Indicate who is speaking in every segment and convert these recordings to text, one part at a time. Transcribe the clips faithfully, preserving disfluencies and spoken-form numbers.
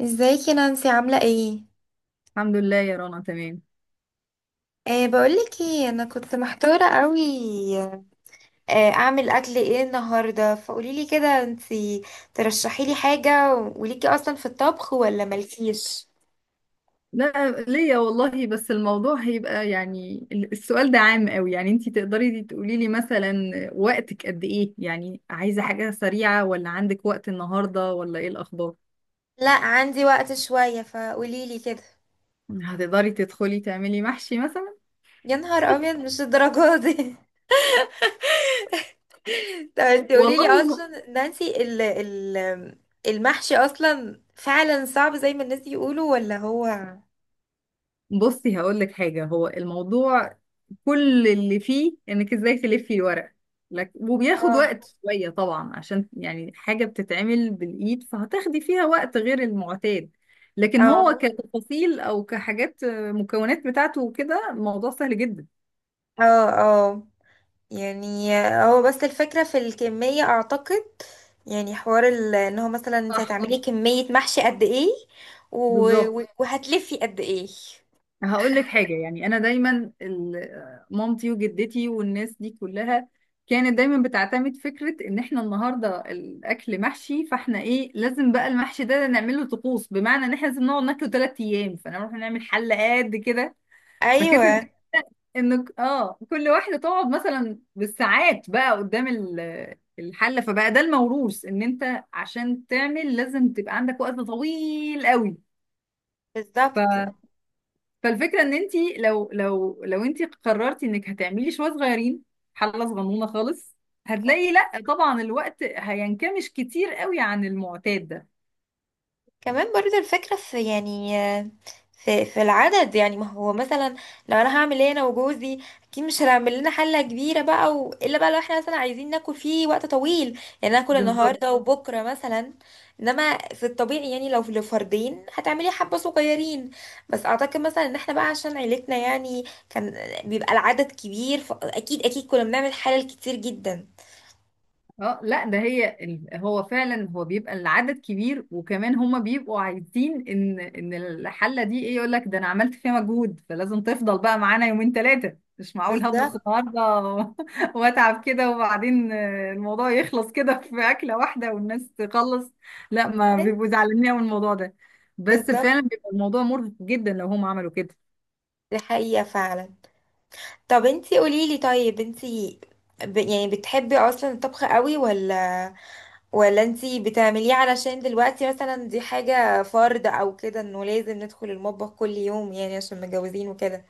Speaker 1: ازيك يا نانسي عاملة ايه؟
Speaker 2: الحمد لله يا رنا، تمام.
Speaker 1: أه بقولك ايه، انا كنت محتارة قوي. أه اعمل اكل ايه النهاردة؟ فقوليلي كده انتي ترشحيلي حاجة، وليكي اصلا في الطبخ ولا مالكيش؟
Speaker 2: لا ليا والله، بس الموضوع هيبقى يعني ال- السؤال ده عام قوي. يعني انتي تقدري تقولي لي مثلا وقتك قد ايه، يعني عايزة حاجة سريعة ولا عندك وقت النهاردة ولا ايه الأخبار؟
Speaker 1: لا عندي وقت شوية، فقوليلي كده.
Speaker 2: هتقدري تدخلي تعملي محشي مثلا؟
Speaker 1: يا نهار ابيض، مش الدرجة دي. طب انتي قوليلي
Speaker 2: والله
Speaker 1: اصلا نانسي، ال ال المحشي اصلا فعلا صعب زي ما الناس يقولوا ولا هو؟
Speaker 2: بصي، هقول لك حاجة. هو الموضوع كل اللي فيه انك ازاي تلفي الورق لك، وبياخد
Speaker 1: اه
Speaker 2: وقت شوية طبعا عشان يعني حاجة بتتعمل بالإيد، فهتاخدي فيها وقت غير المعتاد. لكن هو
Speaker 1: اه
Speaker 2: كتفاصيل او كحاجات آه، مكونات بتاعته وكده، الموضوع سهل جدا.
Speaker 1: اه اه يعني هو بس الفكرة في الكمية اعتقد. يعني حوار ال- ان هو مثلا انت
Speaker 2: صح،
Speaker 1: هتعملي كمية محشي قد ايه، و...
Speaker 2: بالظبط.
Speaker 1: و- وهتلفي قد ايه.
Speaker 2: هقول لك حاجة، يعني أنا دايما ال- مامتي وجدتي والناس دي كلها كانت دايما بتعتمد فكرة إن إحنا النهاردة الأكل محشي، فإحنا إيه، لازم بقى المحشي ده نعمل له طقوس. بمعنى إن إحنا لازم نقعد ناكله تلات أيام، فنروح نعمل حلة قد كده. فكده،
Speaker 1: ايوه،
Speaker 2: إن آه كل واحدة تقعد مثلا بالساعات بقى قدام ال- الحلة، فبقى ده الموروث، إن أنت عشان تعمل لازم تبقى عندك وقت طويل قوي.
Speaker 1: بالظبط.
Speaker 2: فالفكره ان انت لو لو لو انت قررتي انك هتعملي شويه صغيرين، حله صغنونه خالص، هتلاقي لا طبعا الوقت هينكمش كتير قوي عن المعتاد ده.
Speaker 1: كمان برضه الفكرة في يعني في في العدد. يعني ما هو مثلا لو انا هعمل ايه، انا وجوزي اكيد مش هنعمل لنا حلة كبيرة بقى، و... الا بقى لو احنا مثلا عايزين ناكل فيه وقت طويل، يعني ناكل
Speaker 2: بالظبط.
Speaker 1: النهاردة وبكرة مثلا. انما في الطبيعي يعني لو لفردين هتعملي حبة صغيرين. بس اعتقد مثلا ان احنا بقى عشان عيلتنا يعني كان بيبقى العدد كبير، فاكيد اكيد كنا بنعمل حلل كتير جدا.
Speaker 2: اه لا، ده هي ال- هو فعلا هو بيبقى العدد كبير، وكمان هما بيبقوا عايزين ان ان الحله دي ايه، يقول لك ده انا عملت فيها مجهود، فلازم تفضل بقى معانا يومين ثلاثه. مش معقول هطبخ
Speaker 1: بالظبط.
Speaker 2: النهارده و- واتعب كده وبعدين آه، الموضوع يخلص كده في اكله واحده والناس تخلص. لا، ما
Speaker 1: أيوة،
Speaker 2: بيبقوا زعلانين من الموضوع ده، بس فعلا
Speaker 1: بالظبط.
Speaker 2: بيبقى الموضوع مرهق جدا لو هم عملوا كده.
Speaker 1: دي حقيقة فعلا. طب انتي قوليلي، طيب انتي ب... يعني بتحبي اصلا الطبخ قوي، ولا ولا انتي بتعمليه علشان دلوقتي مثلا دي حاجة فرض او كده انه لازم ندخل المطبخ كل يوم، يعني عشان متجوزين وكده؟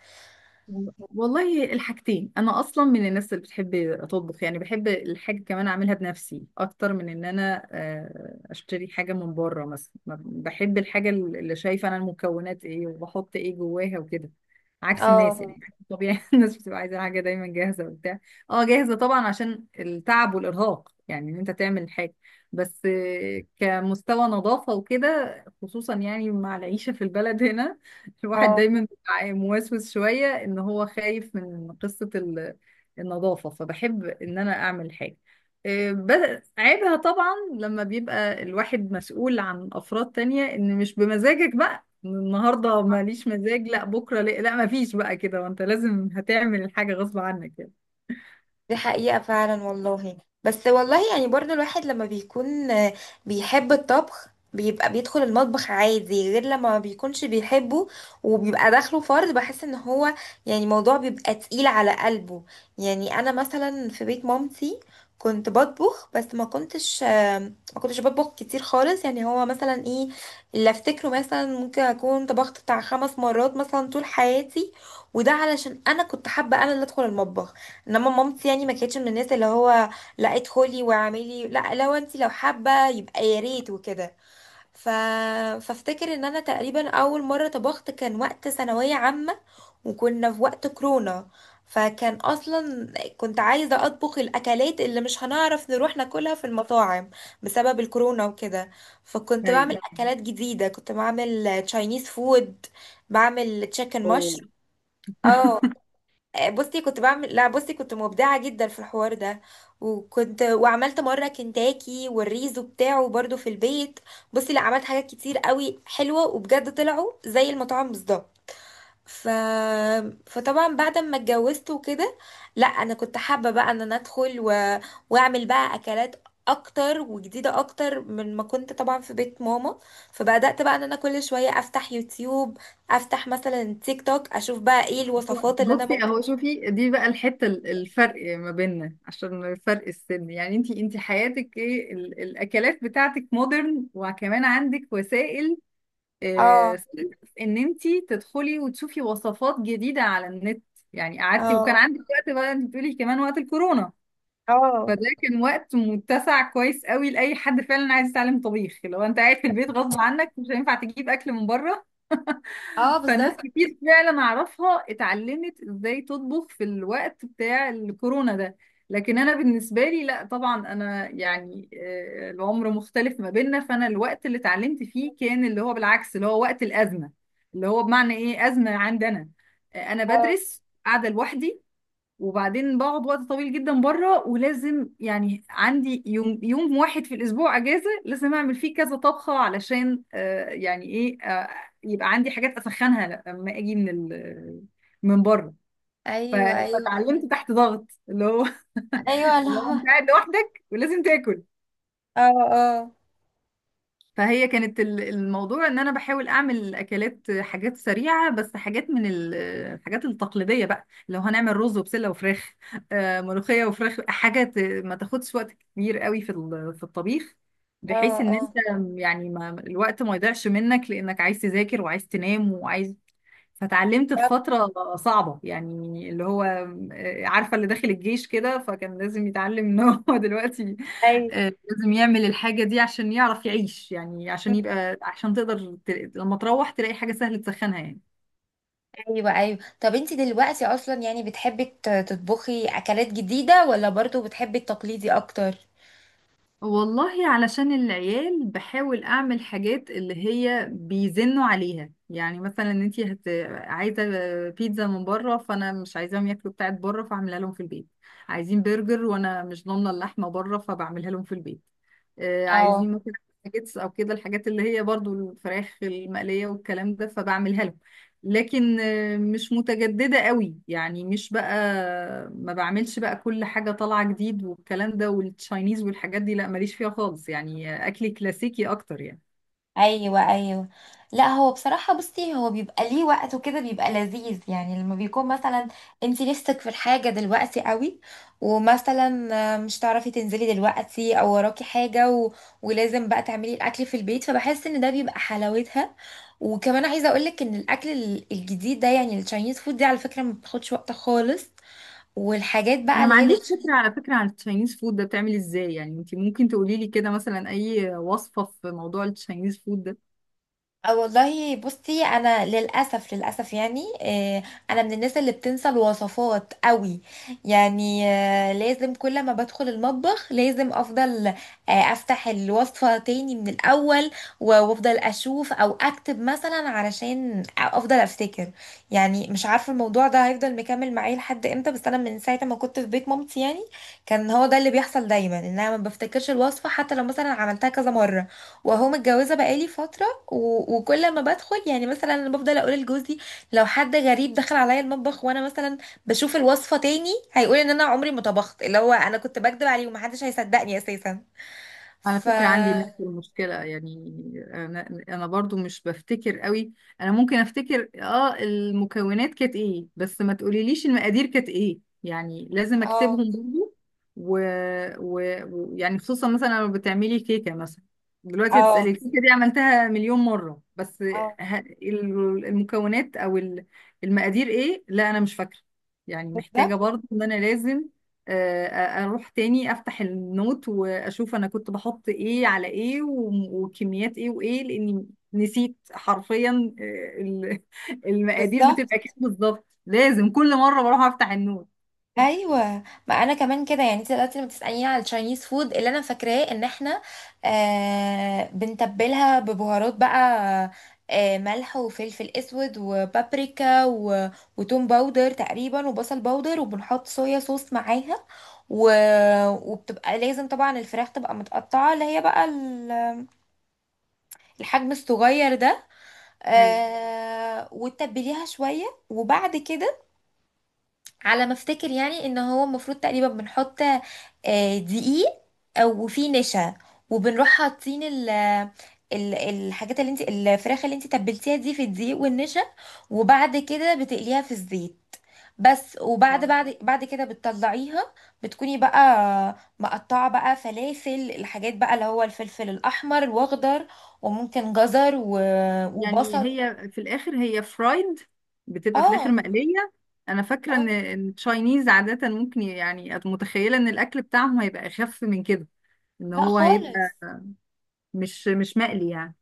Speaker 2: والله الحاجتين، انا اصلا من الناس اللي بتحب اطبخ، يعني بحب الحاجه كمان اعملها بنفسي اكتر من ان انا آه، اشتري حاجه من بره مثلا. ما- بحب الحاجه اللي شايفه انا المكونات ايه وبحط ايه جواها وكده، عكس
Speaker 1: اه
Speaker 2: الناس يعني. طبيعي، الناس بتبقى عايزه حاجه دايما جاهزه وبتاع. اه جاهزه طبعا عشان التعب والارهاق، يعني ان انت تعمل حاجه، بس آه، كمستوى نظافه وكده خصوصا يعني مع العيشه في البلد هنا الواحد
Speaker 1: اه
Speaker 2: دايما بيبقى موسوس شوية، ان هو خايف من قصة ال- النظافة، فبحب ان انا اعمل حاجة. إيه، بس عيبها طبعا لما بيبقى الواحد مسؤول عن افراد تانية، ان مش بمزاجك بقى النهاردة ماليش مزاج لا بكرة لا, لا مفيش بقى كده، وانت لازم هتعمل الحاجة غصب عنك يعني.
Speaker 1: دي حقيقة فعلا والله. بس والله يعني برضو الواحد لما بيكون آه، بيحب الطبخ بيبقى بيدخل المطبخ عادي، غير لما ما بيكونش بيحبه وبيبقى داخله فرض، بحس ان هو يعني موضوع بيبقى تقيل على قلبه. يعني انا مثلا في بيت مامتي كنت بطبخ، بس ما كنتش آه، ما كنتش بطبخ كتير خالص. يعني هو مثلا ايه اللي افتكره، مثلا ممكن اكون طبخت بتاع خمس مرات مثلا طول حياتي، وده علشان انا كنت حابة انا اللي ادخل المطبخ. انما مامتي يعني ما كانتش من الناس اللي هو لا ادخلي واعملي، لا لو انت لو حابه يبقى يا ريت وكده. ف... فافتكر ان انا تقريبا اول مره طبخت كان وقت ثانويه عامه، وكنا في وقت كورونا. فكان اصلا كنت عايزه اطبخ الاكلات اللي مش هنعرف نروح ناكلها في المطاعم بسبب الكورونا وكده. فكنت بعمل
Speaker 2: ايوه.
Speaker 1: اكلات جديده، كنت بعمل تشاينيز فود، بعمل تشيكن مشروم.
Speaker 2: أوه.
Speaker 1: اه. آه، بصي كنت بعمل، لا بصي كنت مبدعة جدا في الحوار ده، وكنت وعملت مرة كنتاكي والريزو بتاعه برضو في البيت. بصي لا، عملت حاجات كتير قوي حلوة وبجد طلعوا زي المطاعم بالظبط. ف... فطبعا بعد ما اتجوزت وكده، لا انا كنت حابة بقى ان انا ادخل و... واعمل بقى اكلات اكتر وجديدة اكتر من ما كنت طبعا في بيت ماما. فبدأت بقى ان انا كل شوية افتح يوتيوب، افتح مثلا تيك توك، اشوف بقى ايه الوصفات اللي انا
Speaker 2: بصي اهو،
Speaker 1: ممكن.
Speaker 2: شوفي دي بقى الحته، ال- الفرق ما بيننا عشان فرق السن يعني. انتي انتي حياتك ايه، ال- الاكلات بتاعتك مودرن، وكمان عندك وسائل آه،
Speaker 1: اه
Speaker 2: ان انتي تدخلي وتشوفي وصفات جديده على النت. يعني قعدتي وكان
Speaker 1: اه
Speaker 2: عندك وقت بقى، انت بتقولي كمان وقت الكورونا،
Speaker 1: اه
Speaker 2: فده كان وقت متسع كويس قوي لاي حد فعلا عايز يتعلم طبيخ. لو انت قاعد في البيت غصب عنك، مش هينفع تجيب اكل من بره،
Speaker 1: اه
Speaker 2: فناس
Speaker 1: بالظبط.
Speaker 2: كتير فعلا اعرفها اتعلمت ازاي تطبخ في الوقت بتاع الكورونا ده. لكن انا بالنسبه لي لا طبعا، انا يعني آه، العمر مختلف ما بيننا، فانا الوقت اللي اتعلمت فيه كان اللي هو بالعكس، اللي هو وقت الازمه. اللي هو بمعنى ايه ازمه عندنا، آه، انا
Speaker 1: اه.
Speaker 2: بدرس قاعده لوحدي، وبعدين بقعد وقت طويل جدا بره، ولازم يعني عندي يوم، يوم واحد في الاسبوع اجازه، لازم اعمل فيه كذا طبخه علشان آه يعني ايه آه يبقى عندي حاجات اسخنها لما اجي من ال من بره. ف-
Speaker 1: ايوه ايوه
Speaker 2: فتعلمت تحت ضغط، اللي هو
Speaker 1: ايوه اللي
Speaker 2: اللي هو
Speaker 1: هو.
Speaker 2: انت قاعد لوحدك ولازم تاكل.
Speaker 1: اه اه
Speaker 2: فهي كانت ال- الموضوع ان انا بحاول اعمل اكلات، حاجات سريعه، بس حاجات من ال- الحاجات التقليديه بقى. لو هنعمل رز وبسله وفراخ، آه، ملوخيه وفراخ، حاجه ت- ما تاخدش وقت كبير قوي في ال- في الطبيخ،
Speaker 1: اه
Speaker 2: بحيث ان انت
Speaker 1: اه
Speaker 2: يعني ما الوقت ما يضيعش منك، لانك عايز تذاكر وعايز تنام وعايز. فتعلمت في
Speaker 1: طب.
Speaker 2: فتره صعبه يعني، اللي هو آه، عارفه اللي داخل الجيش كده، فكان لازم يتعلم ان هو دلوقتي
Speaker 1: ايوه.
Speaker 2: آه، لازم يعمل الحاجة دي عشان يعرف يعيش. يعني عشان
Speaker 1: مم.
Speaker 2: يبقى عشان تقدر ت- لما تروح تلاقي حاجة سهل تسخنها يعني.
Speaker 1: ايوه، ايوه. طب انت دلوقتي اصلا يعني بتحبي ت- تطبخي اكلات جديده، ولا برضو بتحبي التقليدي اكتر؟
Speaker 2: والله علشان العيال بحاول أعمل حاجات اللي هي بيزنوا عليها، يعني مثلا انتي هت... عايزة بيتزا من بره فأنا مش عايزاهم ياكلوا بتاعت بره، فأعملها لهم في البيت. عايزين برجر وأنا مش ضامنة اللحمة بره، فبعملها لهم في البيت. آه،
Speaker 1: اه.
Speaker 2: عايزين مثلا ناجتس أو كده، الحاجات اللي هي برضو الفراخ المقلية والكلام ده، فبعملها لهم. لكن آه، مش متجددة قوي يعني، مش بقى ما بعملش بقى كل حاجة طالعة جديد والكلام ده، والتشاينيز والحاجات دي لا ماليش فيها خالص يعني. آه، أكلي كلاسيكي أكتر يعني.
Speaker 1: ايوه، ايوه. لا هو بصراحه بصي هو بيبقى ليه وقت وكده، بيبقى لذيذ يعني لما بيكون مثلا انت نفسك في الحاجه دلوقتي قوي، ومثلا مش تعرفي تنزلي دلوقتي او وراكي حاجه و... ولازم بقى تعملي الاكل في البيت، فبحس ان ده بيبقى حلاوتها. وكمان عايزه اقولك ان الاكل ال- الجديد ده يعني التشاينيز فود دي على فكره ما بتاخدش وقت خالص. والحاجات بقى
Speaker 2: أنا
Speaker 1: اللي
Speaker 2: ما
Speaker 1: هي اللي.
Speaker 2: عنديش فكرة على فكرة عن التشاينيز فود ده بتعمل إزاي، يعني أنت ممكن تقولي لي كده مثلا أي وصفة في موضوع التشاينيز فود ده.
Speaker 1: أه والله بصي انا للاسف للاسف يعني، آه، انا من الناس اللي بتنسى الوصفات قوي. يعني آه، لازم كل ما بدخل المطبخ لازم افضل آه، افتح الوصفة تاني من الاول، و- وافضل اشوف او اكتب مثلا علشان افضل افتكر. يعني مش عارفة الموضوع ده هيفضل مكمل معايا لحد امتى، بس انا من ساعة ما كنت في بيت مامتي يعني كان هو ده اللي بيحصل دايما، ان انا ما بفتكرش الوصفة حتى لو مثلا عملتها كذا مرة. وهو متجوزة بقالي فترة و- وكل ما بدخل يعني مثلا انا بفضل اقول لجوزي لو حد غريب دخل عليا المطبخ وانا مثلا بشوف الوصفه تاني هيقول ان انا عمري ما طبخت، اللي هو انا كنت بكدب عليه ومحدش هيصدقني اساسا.
Speaker 2: على
Speaker 1: ف.
Speaker 2: فكرة عندي نفس المشكلة يعني، أنا أنا برضو مش بفتكر قوي. أنا ممكن أفتكر آه المكونات كانت إيه، بس ما تقوليليش المقادير كانت إيه، يعني لازم
Speaker 1: اه
Speaker 2: أكتبهم برضو. و... و... ويعني خصوصا مثلا لو بتعملي كيكة مثلا، دلوقتي هتسألي
Speaker 1: اه
Speaker 2: الكيكة دي عملتها مليون مرة، بس
Speaker 1: اه
Speaker 2: ه... ال- المكونات أو ال- المقادير إيه، لا أنا مش فاكرة. يعني محتاجة
Speaker 1: بالظبط.
Speaker 2: برضو إن أنا لازم آه، اروح تاني افتح النوت واشوف انا كنت بحط ايه على ايه و- وكميات ايه وايه، لاني نسيت حرفيا. آه، ال- المقادير
Speaker 1: بالظبط.
Speaker 2: بتبقى كام بالظبط، لازم كل مره بروح افتح النوت.
Speaker 1: ايوه، ما انا كمان كده. يعني انت دلوقتي لما بتساليني على التشاينيز فود، اللي انا فاكراه ان احنا آه بنتبلها ببهارات بقى، آه ملح وفلفل اسود وبابريكا و... وتوم باودر تقريبا وبصل باودر، وبنحط صويا صوص معاها و... وبتبقى لازم طبعا الفراخ تبقى متقطعه اللي هي بقى ال- الحجم الصغير ده.
Speaker 2: ايوه.
Speaker 1: آه وتتبليها شويه وبعد كده، على ما افتكر يعني ان هو المفروض تقريبا بنحط آه، دقيق او وفيه نشا، وبنروح حاطين ال ال- الحاجات اللي انت الفراخ اللي انت تبلتيها دي في الدقيق والنشا، وبعد كده بتقليها في الزيت بس. وبعد
Speaker 2: اه
Speaker 1: بعد بعد كده بتطلعيها. بتكوني بقى مقطعة بقى فلافل الحاجات بقى اللي هو الفلفل الأحمر وأخضر وممكن جزر و-
Speaker 2: يعني
Speaker 1: وبصل.
Speaker 2: هي في الاخر هي فرايد، بتبقى في الاخر
Speaker 1: اه.
Speaker 2: مقليه. انا فاكره ان
Speaker 1: اه
Speaker 2: إن التشاينيز عاده ممكن يعني أت- متخيله ان الاكل بتاعهم هيبقى اخف من كده، ان
Speaker 1: لا
Speaker 2: هو هيبقى
Speaker 1: خالص.
Speaker 2: مش مش مقلي يعني.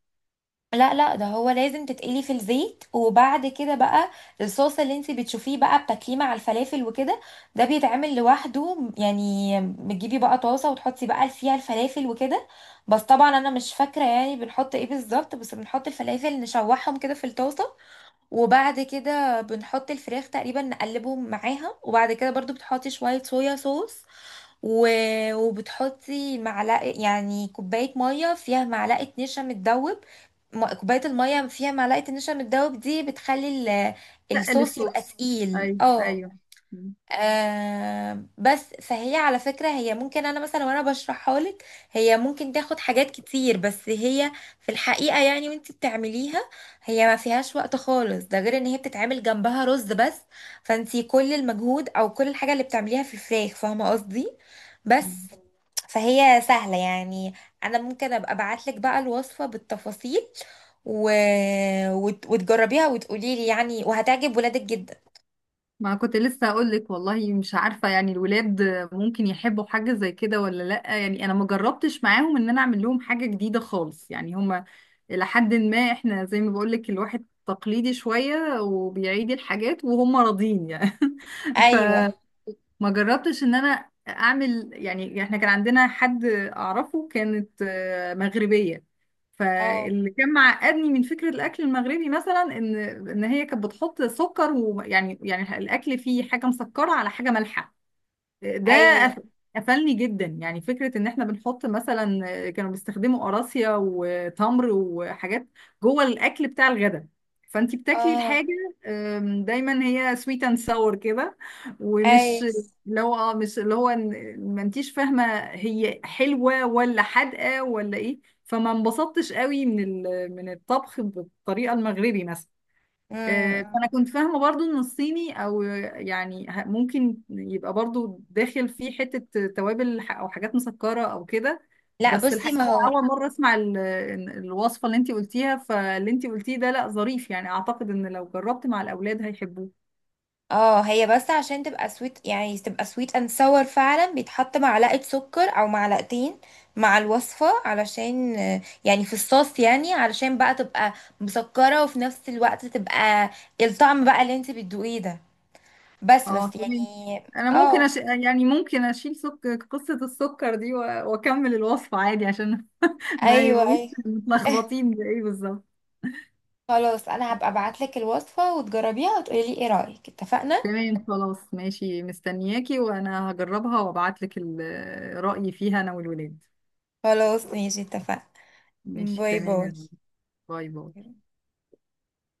Speaker 1: لا لا، ده هو لازم تتقلي في الزيت، وبعد كده بقى الصوص اللي انت بتشوفيه بقى بتاكليه مع الفلافل وكده ده بيتعمل لوحده. يعني بتجيبي بقى طاسة وتحطي بقى فيها الفلافل وكده. بس طبعا انا مش فاكرة يعني بنحط ايه بالظبط، بس بنحط الفلافل نشوحهم كده في الطاسة، وبعد كده بنحط الفراخ تقريبا نقلبهم معاها، وبعد كده برضو بتحطي شوية صويا صوص و... وبتحطي معلقة، يعني كوباية مية فيها معلقة نشا متدوب. م- كوباية المية فيها معلقة النشا متدوب دي بتخلي ال...
Speaker 2: لا
Speaker 1: الصوص
Speaker 2: للسوق.
Speaker 1: يبقى تقيل.
Speaker 2: ايوه
Speaker 1: اه.
Speaker 2: ايوه.
Speaker 1: آه بس فهي على فكرة هي ممكن، أنا مثلا وأنا بشرحها لك هي ممكن تاخد حاجات كتير، بس هي في الحقيقة يعني وانت بتعمليها هي ما فيهاش وقت خالص، ده غير إن هي بتتعمل جنبها رز بس. فانت كل المجهود أو كل الحاجة اللي بتعمليها في الفراخ، فاهمة قصدي؟ بس فهي سهلة يعني. أنا ممكن أبقى أبعتلك بقى الوصفة بالتفاصيل و... وت... وتجربيها وتقوليلي يعني، وهتعجب ولادك جدا.
Speaker 2: ما كنت لسه اقول لك والله مش عارفه، يعني الولاد ممكن يحبوا حاجه زي كده ولا لا، يعني انا ما جربتش معاهم ان انا اعمل لهم حاجه جديده خالص، يعني هما الى حد ما احنا زي ما بقول لك الواحد تقليدي شويه وبيعيد الحاجات وهم راضين يعني. ف
Speaker 1: أيوة.
Speaker 2: ما جربتش ان انا اعمل، يعني احنا كان عندنا حد اعرفه كانت آه، مغربية.
Speaker 1: اه.
Speaker 2: فاللي كان معقدني من فكرة الاكل المغربي مثلا ان ان هي كانت بتحط سكر، ويعني يعني الاكل فيه حاجة مسكرة على حاجة مالحة. ده قف-
Speaker 1: ايوه.
Speaker 2: قفلني جدا، يعني فكرة ان احنا بنحط مثلا، آه، كانوا بيستخدموا قراصية وتمر وحاجات جوه الاكل بتاع الغداء، فانتي بتاكلي
Speaker 1: اه.
Speaker 2: الحاجة آم، دايما هي سويت اند ساور كده، ومش
Speaker 1: ايوه.
Speaker 2: اللي هو اه مش اللي هو إن- ما انتيش فاهمة هي حلوة ولا حادقة ولا ايه. فما انبسطتش قوي من ال- من الطبخ بالطريقة المغربي مثلا.
Speaker 1: امم.
Speaker 2: آه، فانا
Speaker 1: إمم.
Speaker 2: كنت فاهمه برضو ان الصيني او يعني ه- ممكن يبقى برضو داخل فيه حته توابل ح- او حاجات مسكره او كده.
Speaker 1: لا
Speaker 2: بس
Speaker 1: بصي، ما
Speaker 2: الحقيقه
Speaker 1: هو.
Speaker 2: اول مره اسمع ال- إن الوصفه اللي انت قلتيها، فاللي انت قلتيه ده لا ظريف، يعني اعتقد ان لو جربت مع الاولاد هيحبوه.
Speaker 1: اه هي بس عشان تبقى سويت يعني تبقى سويت اند sour فعلا بيتحط معلقة سكر او معلقتين مع الوصفة، علشان آه، يعني في الصوص يعني علشان بقى تبقى مسكرة وفي نفس الوقت تبقى الطعم بقى اللي انت بتدوقيه ده. بس بس
Speaker 2: اه تمام.
Speaker 1: يعني.
Speaker 2: انا ممكن
Speaker 1: اه.
Speaker 2: أش... يعني ممكن اشيل سك... قصه السكر دي و... واكمل الوصفه عادي عشان ما
Speaker 1: ايوه،
Speaker 2: يبقوش
Speaker 1: ايوه.
Speaker 2: متلخبطين بايه بالظبط.
Speaker 1: خلاص، انا هبقى ابعتلك الوصفة وتجربيها وتقولي لي ايه رأيك، اتفقنا؟
Speaker 2: تمام خلاص ماشي، مستنياكي، وانا هجربها وابعتلك ال- رأيي فيها انا والولاد.
Speaker 1: خلاص، ماشي، اتفقنا.
Speaker 2: ماشي
Speaker 1: باي
Speaker 2: تمام يا
Speaker 1: باي.
Speaker 2: رب. باي باي.